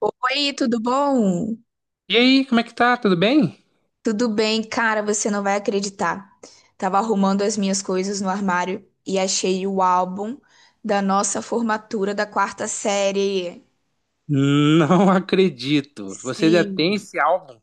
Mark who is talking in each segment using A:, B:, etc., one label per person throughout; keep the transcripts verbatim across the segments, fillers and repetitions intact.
A: Oi, tudo bom?
B: E aí, como é que tá? Tudo bem?
A: Tudo bem, cara, você não vai acreditar. Tava arrumando as minhas coisas no armário e achei o álbum da nossa formatura da quarta série.
B: Não acredito. Você já tem
A: Sim,
B: esse álbum?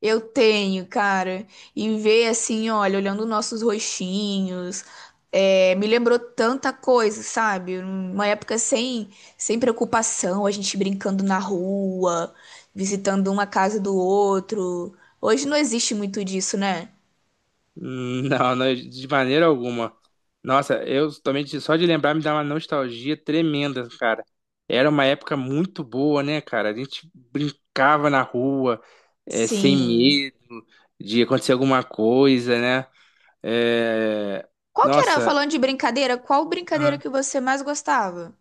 A: eu tenho, cara. E ver assim, olha, olhando nossos rostinhos, é, me lembrou tanta coisa, sabe? Uma época sem, sem preocupação, a gente brincando na rua, visitando uma casa do outro. Hoje não existe muito disso, né?
B: Não, não, de maneira alguma. Nossa, eu também de- só de lembrar me dá uma nostalgia tremenda, cara. Era uma época muito boa, né, cara? A gente brincava na rua, eh, sem
A: Sim.
B: medo de acontecer alguma coisa, né? Eh,
A: Qual que era,
B: Nossa.
A: falando de brincadeira, qual brincadeira que você mais gostava?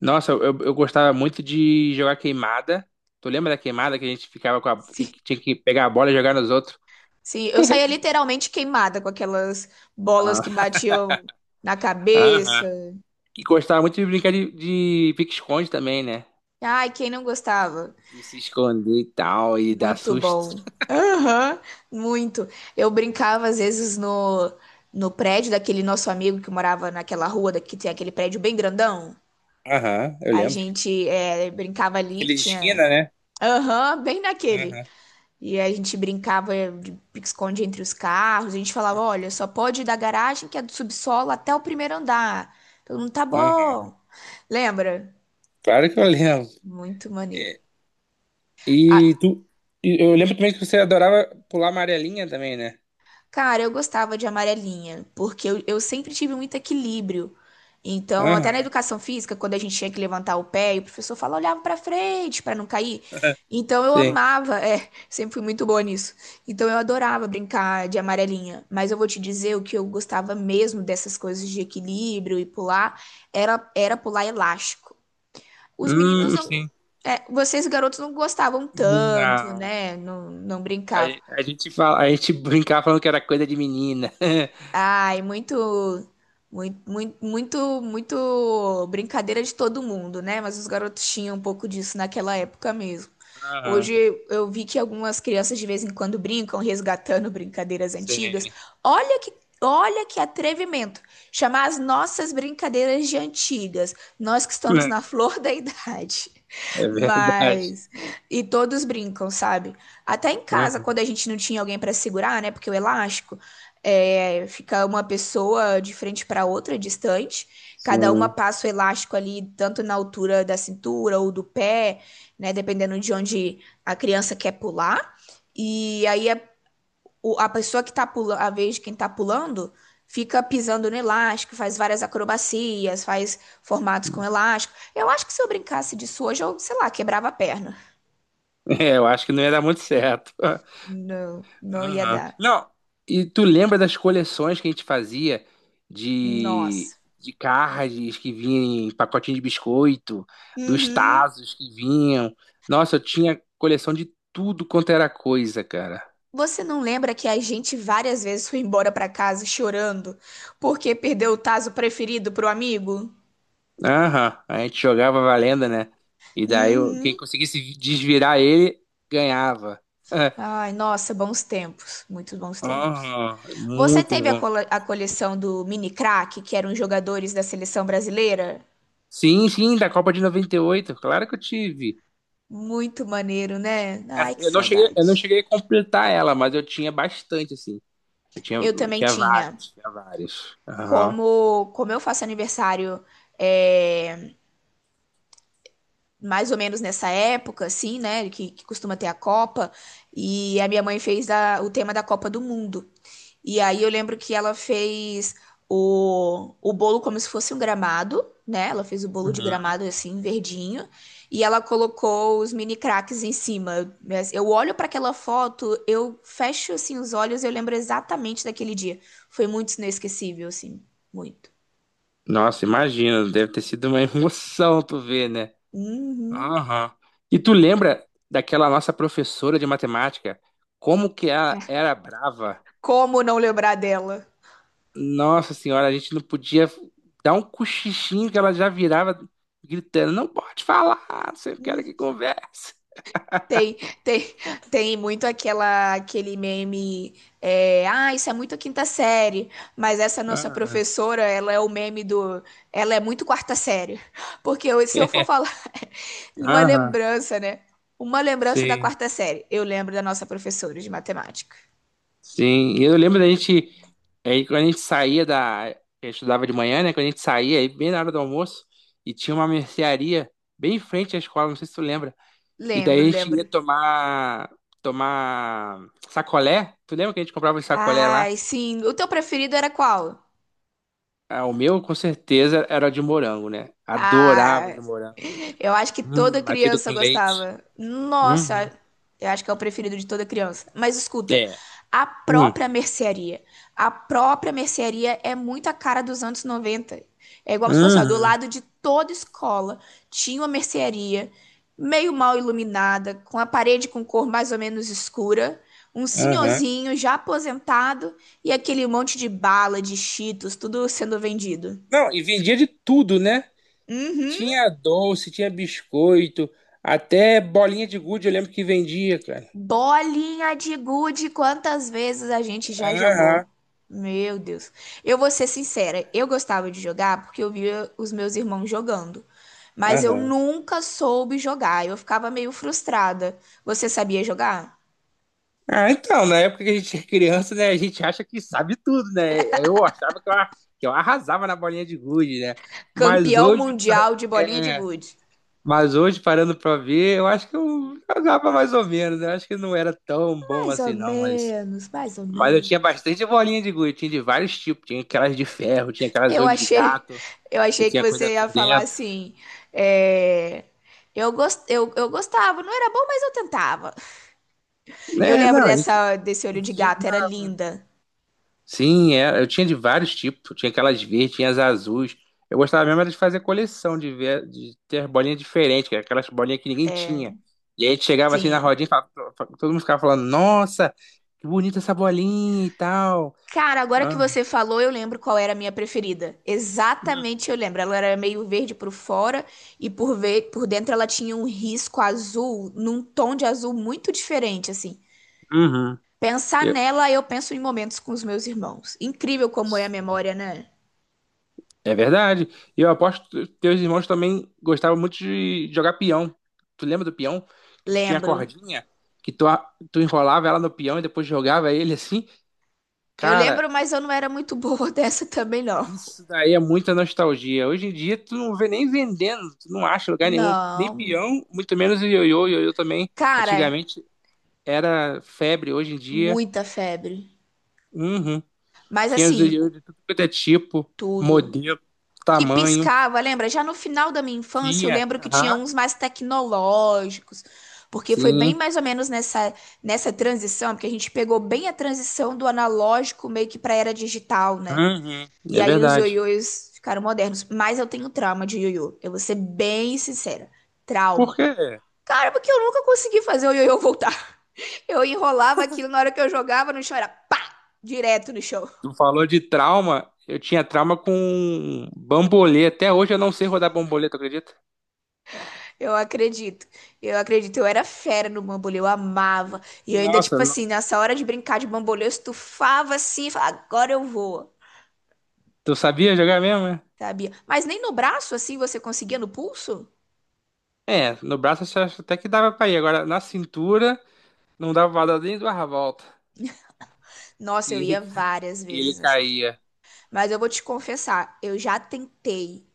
B: Nossa, eu, eu eu gostava muito de jogar queimada. Tu lembra da queimada que a gente ficava com a.
A: Sim.
B: que Tinha que pegar a bola e jogar nos outros?
A: Sim, eu saía literalmente queimada com aquelas bolas que
B: Ah.
A: batiam na cabeça.
B: Aham. E gostava muito de brincar de, de pique-esconde também, né?
A: Ai, quem não gostava?
B: De se esconder e tal, e dar
A: Muito
B: susto.
A: bom. Aham, muito. Eu brincava às vezes no, no prédio daquele nosso amigo que morava naquela rua da- que tem aquele prédio bem grandão.
B: Aham, eu
A: A
B: lembro.
A: gente é, brincava ali, que
B: Aquele de
A: tinha.
B: esquina, né?
A: Aham, bem naquele.
B: Aham,
A: E a gente brincava de pique-esconde entre os carros. A gente falava: olha, só pode ir da garagem, que é do subsolo, até o primeiro andar. Todo mundo tá
B: aham.
A: bom. Lembra?
B: Claro que eu lembro.
A: Muito maneiro.
B: É, E,
A: Ah,
B: tu. E eu lembro também que você adorava pular amarelinha também, né?
A: cara, eu gostava de amarelinha, porque eu, eu sempre tive muito equilíbrio. Então, até na
B: Aham,
A: educação física, quando a gente tinha que levantar o pé, e o professor falava, olhava pra frente pra não cair. Então, eu
B: sim.
A: amava, é, sempre fui muito boa nisso. Então, eu adorava brincar de amarelinha. Mas eu vou te dizer, o que eu gostava mesmo dessas coisas de equilíbrio e pular, era, era pular elástico. Os meninos
B: Hum,
A: não.
B: sim.
A: É, vocês, garotos, não gostavam tanto,
B: Não.
A: né? Não, não
B: A,
A: brincavam.
B: a gente fala, a gente brincava falando que era coisa de menina.
A: Ai, muito, muito, muito, muito, muito brincadeira de todo mundo, né? Mas os garotos tinham um pouco disso naquela época mesmo.
B: Aham,
A: Hoje eu vi que algumas crianças de vez em quando brincam, resgatando brincadeiras antigas.
B: sim.
A: Olha que, olha que atrevimento! Chamar as nossas brincadeiras de antigas, nós que estamos
B: É,
A: na flor da idade.
B: é verdade.
A: Mas. E todos brincam, sabe? Até em casa,
B: Aham,
A: quando a gente não tinha alguém para segurar, né? Porque o elástico é, fica uma pessoa de frente para outra, distante. Cada uma
B: sim.
A: passa o elástico ali, tanto na altura da cintura ou do pé, né? Dependendo de onde a criança quer pular. E aí a o- a pessoa que tá pulando, a vez de quem tá pulando, fica pisando no elástico, faz várias acrobacias, faz formatos com elástico. Eu acho que se eu brincasse disso hoje, eu, sei lá, quebrava a perna.
B: É, eu acho que não ia dar muito certo.
A: Não, não ia
B: Aham.
A: dar.
B: Não, e tu lembra das coleções que a gente fazia de,
A: Nossa.
B: de cards que vinham em pacotinho de biscoito, dos
A: Uhum.
B: tazos que vinham? Nossa, eu tinha coleção de tudo quanto era coisa, cara.
A: Você não lembra que a gente várias vezes foi embora pra casa chorando porque perdeu o tazo preferido pro amigo?
B: Aham, a gente jogava valendo, né? E daí o- quem
A: Uhum.
B: conseguisse vi- desvirar ele ganhava.
A: Ai, nossa, bons tempos, muitos bons tempos.
B: Aham,
A: Você
B: muito
A: teve a,
B: bom.
A: cole- a coleção do Mini Crack, que eram os jogadores da seleção brasileira?
B: Sim, sim, da Copa de noventa e oito. Claro que eu tive.
A: Muito maneiro, né?
B: Ah,
A: Ai, que
B: Eu não cheguei, eu
A: saudade.
B: não cheguei a completar ela, mas eu tinha bastante, assim. Eu tinha,
A: Eu
B: eu
A: também
B: tinha
A: tinha.
B: vários, tinha vários. Aham.
A: Como, como eu faço aniversário é, mais ou menos nessa época, assim, né? Que, que costuma ter a Copa, e a minha mãe fez a- o tema da Copa do Mundo. E aí eu lembro que ela fez o, o bolo como se fosse um gramado, né? Ela fez o bolo de
B: Uhum.
A: gramado assim, verdinho, e ela colocou os mini craques em cima. Mas eu olho para aquela foto, eu fecho assim os olhos, eu lembro exatamente daquele dia. Foi muito inesquecível, assim, muito.
B: Nossa, imagina, deve ter sido uma emoção tu ver, né?
A: Uhum.
B: Aham. E tu lembra daquela nossa professora de matemática? Como que ela
A: É.
B: era brava?
A: Como não lembrar dela?
B: Nossa senhora, a gente não podia dar um cochichinho que ela já virava gritando, não pode falar, você quer que converse.
A: Tem, tem, tem muito aquela, aquele meme, é, ah, isso é muito quinta série, mas essa nossa
B: Ah,
A: professora, ela é o meme do, ela é muito quarta série, porque eu- se eu for
B: é,
A: falar uma
B: aham,
A: lembrança, né, uma lembrança da
B: sim,
A: quarta série, eu lembro da nossa professora de matemática,
B: sim. E eu lembro da gente, aí quando a gente saía da, eu estudava de manhã, né? Quando a gente saía, aí bem na hora do almoço, e tinha uma mercearia bem em frente à escola, não sei se tu lembra. E daí
A: lembro,
B: a gente ia
A: lembro,
B: tomar, tomar sacolé. Tu lembra que a gente comprava um sacolé lá?
A: ai, sim, o teu preferido era qual?
B: Ah, o meu, com certeza, era de morango, né? Adorava
A: Ah,
B: de morango.
A: eu acho que toda
B: Hum, batido com
A: criança
B: leite.
A: gostava. Nossa,
B: Uhum.
A: eu acho que é o preferido de toda criança. Mas escuta,
B: É.
A: a
B: Hum.
A: própria mercearia. A própria mercearia é muito a cara dos anos noventa. É igual se fosse, ó, do
B: Uhum.
A: lado de toda escola tinha uma mercearia meio mal iluminada, com a parede com cor mais ou menos escura, um
B: Aham.
A: senhorzinho já aposentado e aquele monte de bala, de Cheetos, tudo sendo vendido.
B: Não, e vendia de tudo, né?
A: Uhum.
B: Tinha doce, tinha biscoito, até bolinha de gude, eu lembro que vendia, cara.
A: Bolinha de gude, quantas vezes a gente já
B: Aham.
A: jogou? Meu Deus. Eu vou ser sincera, eu gostava de jogar porque eu via os meus irmãos jogando, mas eu
B: Aham.
A: nunca soube jogar. Eu ficava meio frustrada. Você sabia jogar?
B: Ah, então, na época que a gente é criança, né, a gente acha que sabe tudo, né? Eu achava que eu, que eu arrasava na bolinha de gude, né? Mas
A: Campeão
B: hoje,
A: mundial de bolinha de
B: é,
A: gude.
B: mas hoje, parando pra ver, eu acho que eu jogava mais ou menos. Né? Eu acho que não era tão bom
A: Mais
B: assim,
A: ou
B: não. Mas,
A: menos, mais ou
B: mas eu tinha
A: menos.
B: bastante bolinha de gude. Tinha de vários tipos. Tinha aquelas de ferro, tinha aquelas
A: Eu
B: olho de
A: achei,
B: gato,
A: eu
B: que
A: achei que
B: tinha coisa
A: você ia
B: por
A: falar
B: dentro.
A: assim, é, eu, gos- eu, eu gostava, não era bom, mas eu tentava. Eu
B: É,
A: lembro
B: não, a gente,
A: dessa, desse
B: a
A: olho de
B: gente
A: gato, era
B: jogava.
A: linda.
B: Sim, é, eu tinha de vários tipos. Tinha aquelas verdes, tinha as azuis. Eu gostava mesmo era de fazer coleção, de ver, de ter bolinha diferente, que era aquelas bolinhas que ninguém tinha. E aí a gente chegava assim na
A: Sim.
B: rodinha e falava- todo mundo ficava falando, nossa, que bonita essa bolinha e tal.
A: Cara, agora que
B: Aham.
A: você falou, eu lembro qual era a minha preferida. Exatamente, eu lembro. Ela era meio verde por fora e por, ve- por dentro ela tinha um risco azul, num tom de azul muito diferente, assim.
B: Uhum.
A: Pensar
B: Eu-
A: nela, eu penso em momentos com os meus irmãos. Incrível como é a memória, né?
B: É verdade. E eu aposto que teus irmãos também gostavam muito de jogar peão. Tu lembra do peão? Que tu tinha a
A: Lembro.
B: cordinha, que tu, a- tu enrolava ela no peão e depois jogava ele assim?
A: Eu
B: Cara,
A: lembro, mas eu não era muito boa dessa também, não.
B: isso daí é muita nostalgia. Hoje em dia tu não vê nem vendendo, tu não acha em lugar nenhum, nem
A: Não.
B: peão, muito menos o ioiô. O ioiô também,
A: Cara,
B: antigamente era febre, hoje em dia,
A: muita febre.
B: uhum,
A: Mas
B: tinha os
A: assim,
B: ioiô de tudo quanto é tipo,
A: tudo.
B: modelo,
A: Que
B: tamanho.
A: piscava, lembra? Já no final da minha infância, eu
B: Tinha,
A: lembro que tinha
B: aham,
A: uns mais tecnológicos, porque foi bem
B: sim,
A: mais ou menos nessa, nessa transição, porque a gente pegou bem a transição do analógico meio que para era digital, né?
B: uhum,
A: E
B: é
A: aí os
B: verdade.
A: ioiôs ficaram modernos. Mas eu tenho trauma de ioiô. Eu vou ser bem sincera. Trauma.
B: Porque
A: Cara, porque eu nunca consegui fazer o ioiô voltar. Eu enrolava aquilo na hora que eu jogava no chão, era pá! Direto no chão.
B: tu falou de trauma, eu tinha trauma com bambolê. Até hoje eu não sei rodar bambolê, tu acredita?
A: Eu acredito. Eu acredito. Eu era fera no bambolê, eu amava. E eu ainda, tipo
B: Nossa, não.
A: assim, nessa hora de brincar de bambolê, eu estufava assim, e falava, agora eu vou.
B: Tu sabia jogar mesmo, né?
A: Sabia? Mas nem no braço, assim, você conseguia no pulso?
B: É, no braço eu acho até que dava pra ir. Agora, na cintura, não dava pra dar nem duas voltas.
A: Nossa,
B: E
A: eu ia
B: ele,
A: várias
B: ele
A: vezes assim.
B: caía.
A: Mas eu vou te confessar, eu já tentei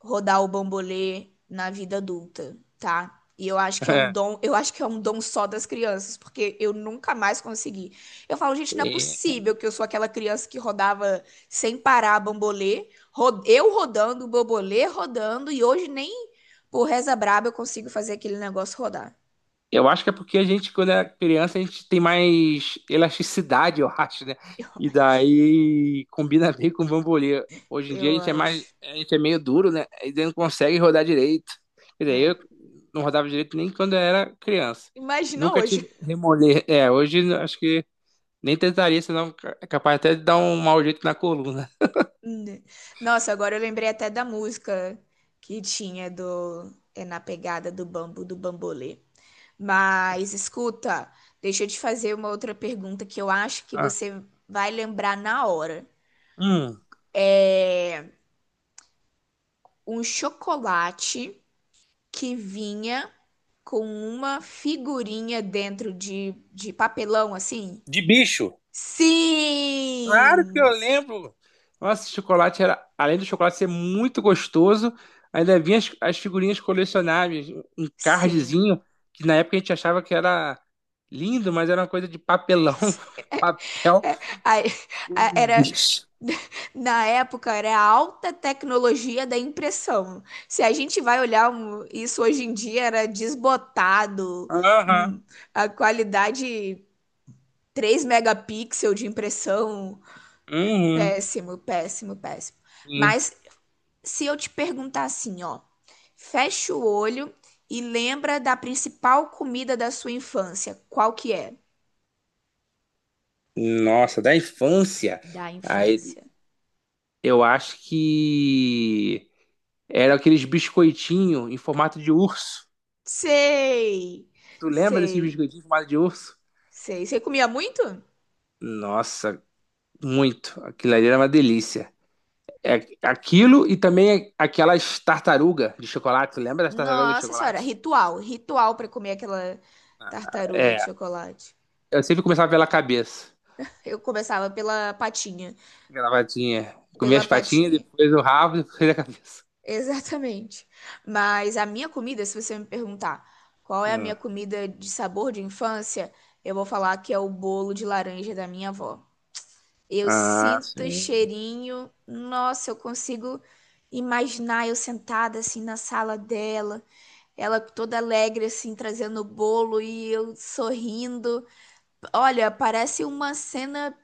A: rodar o bambolê na vida adulta, tá? E eu acho que é um dom, eu acho que é um dom só das crianças, porque eu nunca mais consegui. Eu falo, gente, não é possível que eu sou aquela criança que rodava sem parar bambolê, ro- eu rodando, o bambolê rodando, e hoje nem por reza braba eu consigo fazer aquele negócio rodar.
B: Eu acho que é porque a gente, quando é criança, a gente tem mais elasticidade, eu acho, né?
A: Eu
B: E
A: acho.
B: daí combina bem com o bambolê. Hoje em dia a
A: Eu
B: gente é mais,
A: acho.
B: a gente é meio duro, né? E daí não consegue rodar direito. Quer dizer, eu
A: Né?
B: não rodava direito nem quando eu era criança.
A: Imagina
B: Nunca
A: hoje.
B: tive remolê. É, hoje acho que nem tentaria, senão é capaz até de dar um mau jeito na coluna.
A: Né? Nossa, agora eu lembrei até da música que tinha do é na pegada do bambu do bambolê. Mas escuta, deixa eu te fazer uma outra pergunta que eu acho que
B: Ah,
A: você vai lembrar na hora.
B: hum,
A: Um chocolate que vinha com uma figurinha dentro de, de papelão assim?
B: de bicho. Claro que eu
A: Sim!
B: lembro. Nossa, esse chocolate era, além do chocolate ser muito gostoso, ainda vinha as, as figurinhas colecionáveis, um
A: Sim.
B: cardzinho, que na época a gente achava que era lindo, mas era uma coisa de papelão, papel
A: Aí, a-
B: com
A: era
B: bicho.
A: na época era a alta tecnologia da impressão. Se a gente vai olhar um- isso hoje em dia, era desbotado, hum,
B: Aham.
A: a qualidade três megapixel de impressão,
B: Uhum.
A: péssimo, péssimo, péssimo.
B: Sim.
A: Mas se eu te perguntar assim, ó, fecha o olho e lembra da principal comida da sua infância, qual que é?
B: Nossa, da infância.
A: Da
B: Aí,
A: infância.
B: eu acho que era aqueles biscoitinhos em formato de urso.
A: Sei,
B: Tu lembra desses
A: sei,
B: biscoitinhos em formato de urso?
A: sei. Você comia muito?
B: Nossa, muito. Aquilo ali era uma delícia. É aquilo e também aquelas tartaruga de chocolate. Lembra das tartarugas de
A: Nossa senhora,
B: chocolate?
A: ritual, ritual pra comer aquela tartaruga de
B: É.
A: chocolate.
B: Eu sempre começava pela cabeça.
A: Eu começava pela patinha,
B: Gravatinha. Comia
A: pela
B: as patinhas,
A: patinha.
B: depois o rabo, depois a cabeça.
A: Exatamente. Mas a minha comida, se você me perguntar qual é a minha
B: Hum.
A: comida de sabor de infância, eu vou falar que é o bolo de laranja da minha avó. Eu
B: Ah,
A: sinto o
B: sim.
A: cheirinho, nossa, eu consigo imaginar eu sentada assim na sala dela, ela toda alegre assim trazendo o bolo e eu sorrindo. Olha, parece uma cena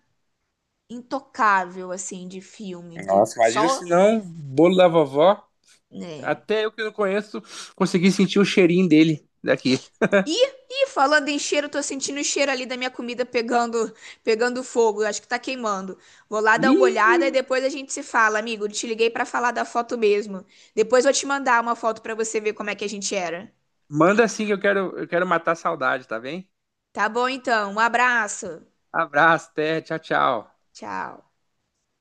A: intocável, assim, de filme, de
B: Nossa, imagina se
A: só,
B: não, bolo da vovó.
A: né?
B: Até eu que não conheço, consegui sentir o cheirinho dele daqui.
A: E, e falando em cheiro, tô sentindo o cheiro ali da minha comida pegando, pegando fogo. Acho que tá queimando. Vou lá dar uma olhada e
B: Ih,
A: depois a gente se fala, amigo. Te liguei pra falar da foto mesmo. Depois vou te mandar uma foto pra você ver como é que a gente era.
B: manda assim que eu quero, eu quero matar a saudade, tá bem?
A: Tá bom, então. Um abraço.
B: Abraço, até, tchau, tchau.
A: Tchau.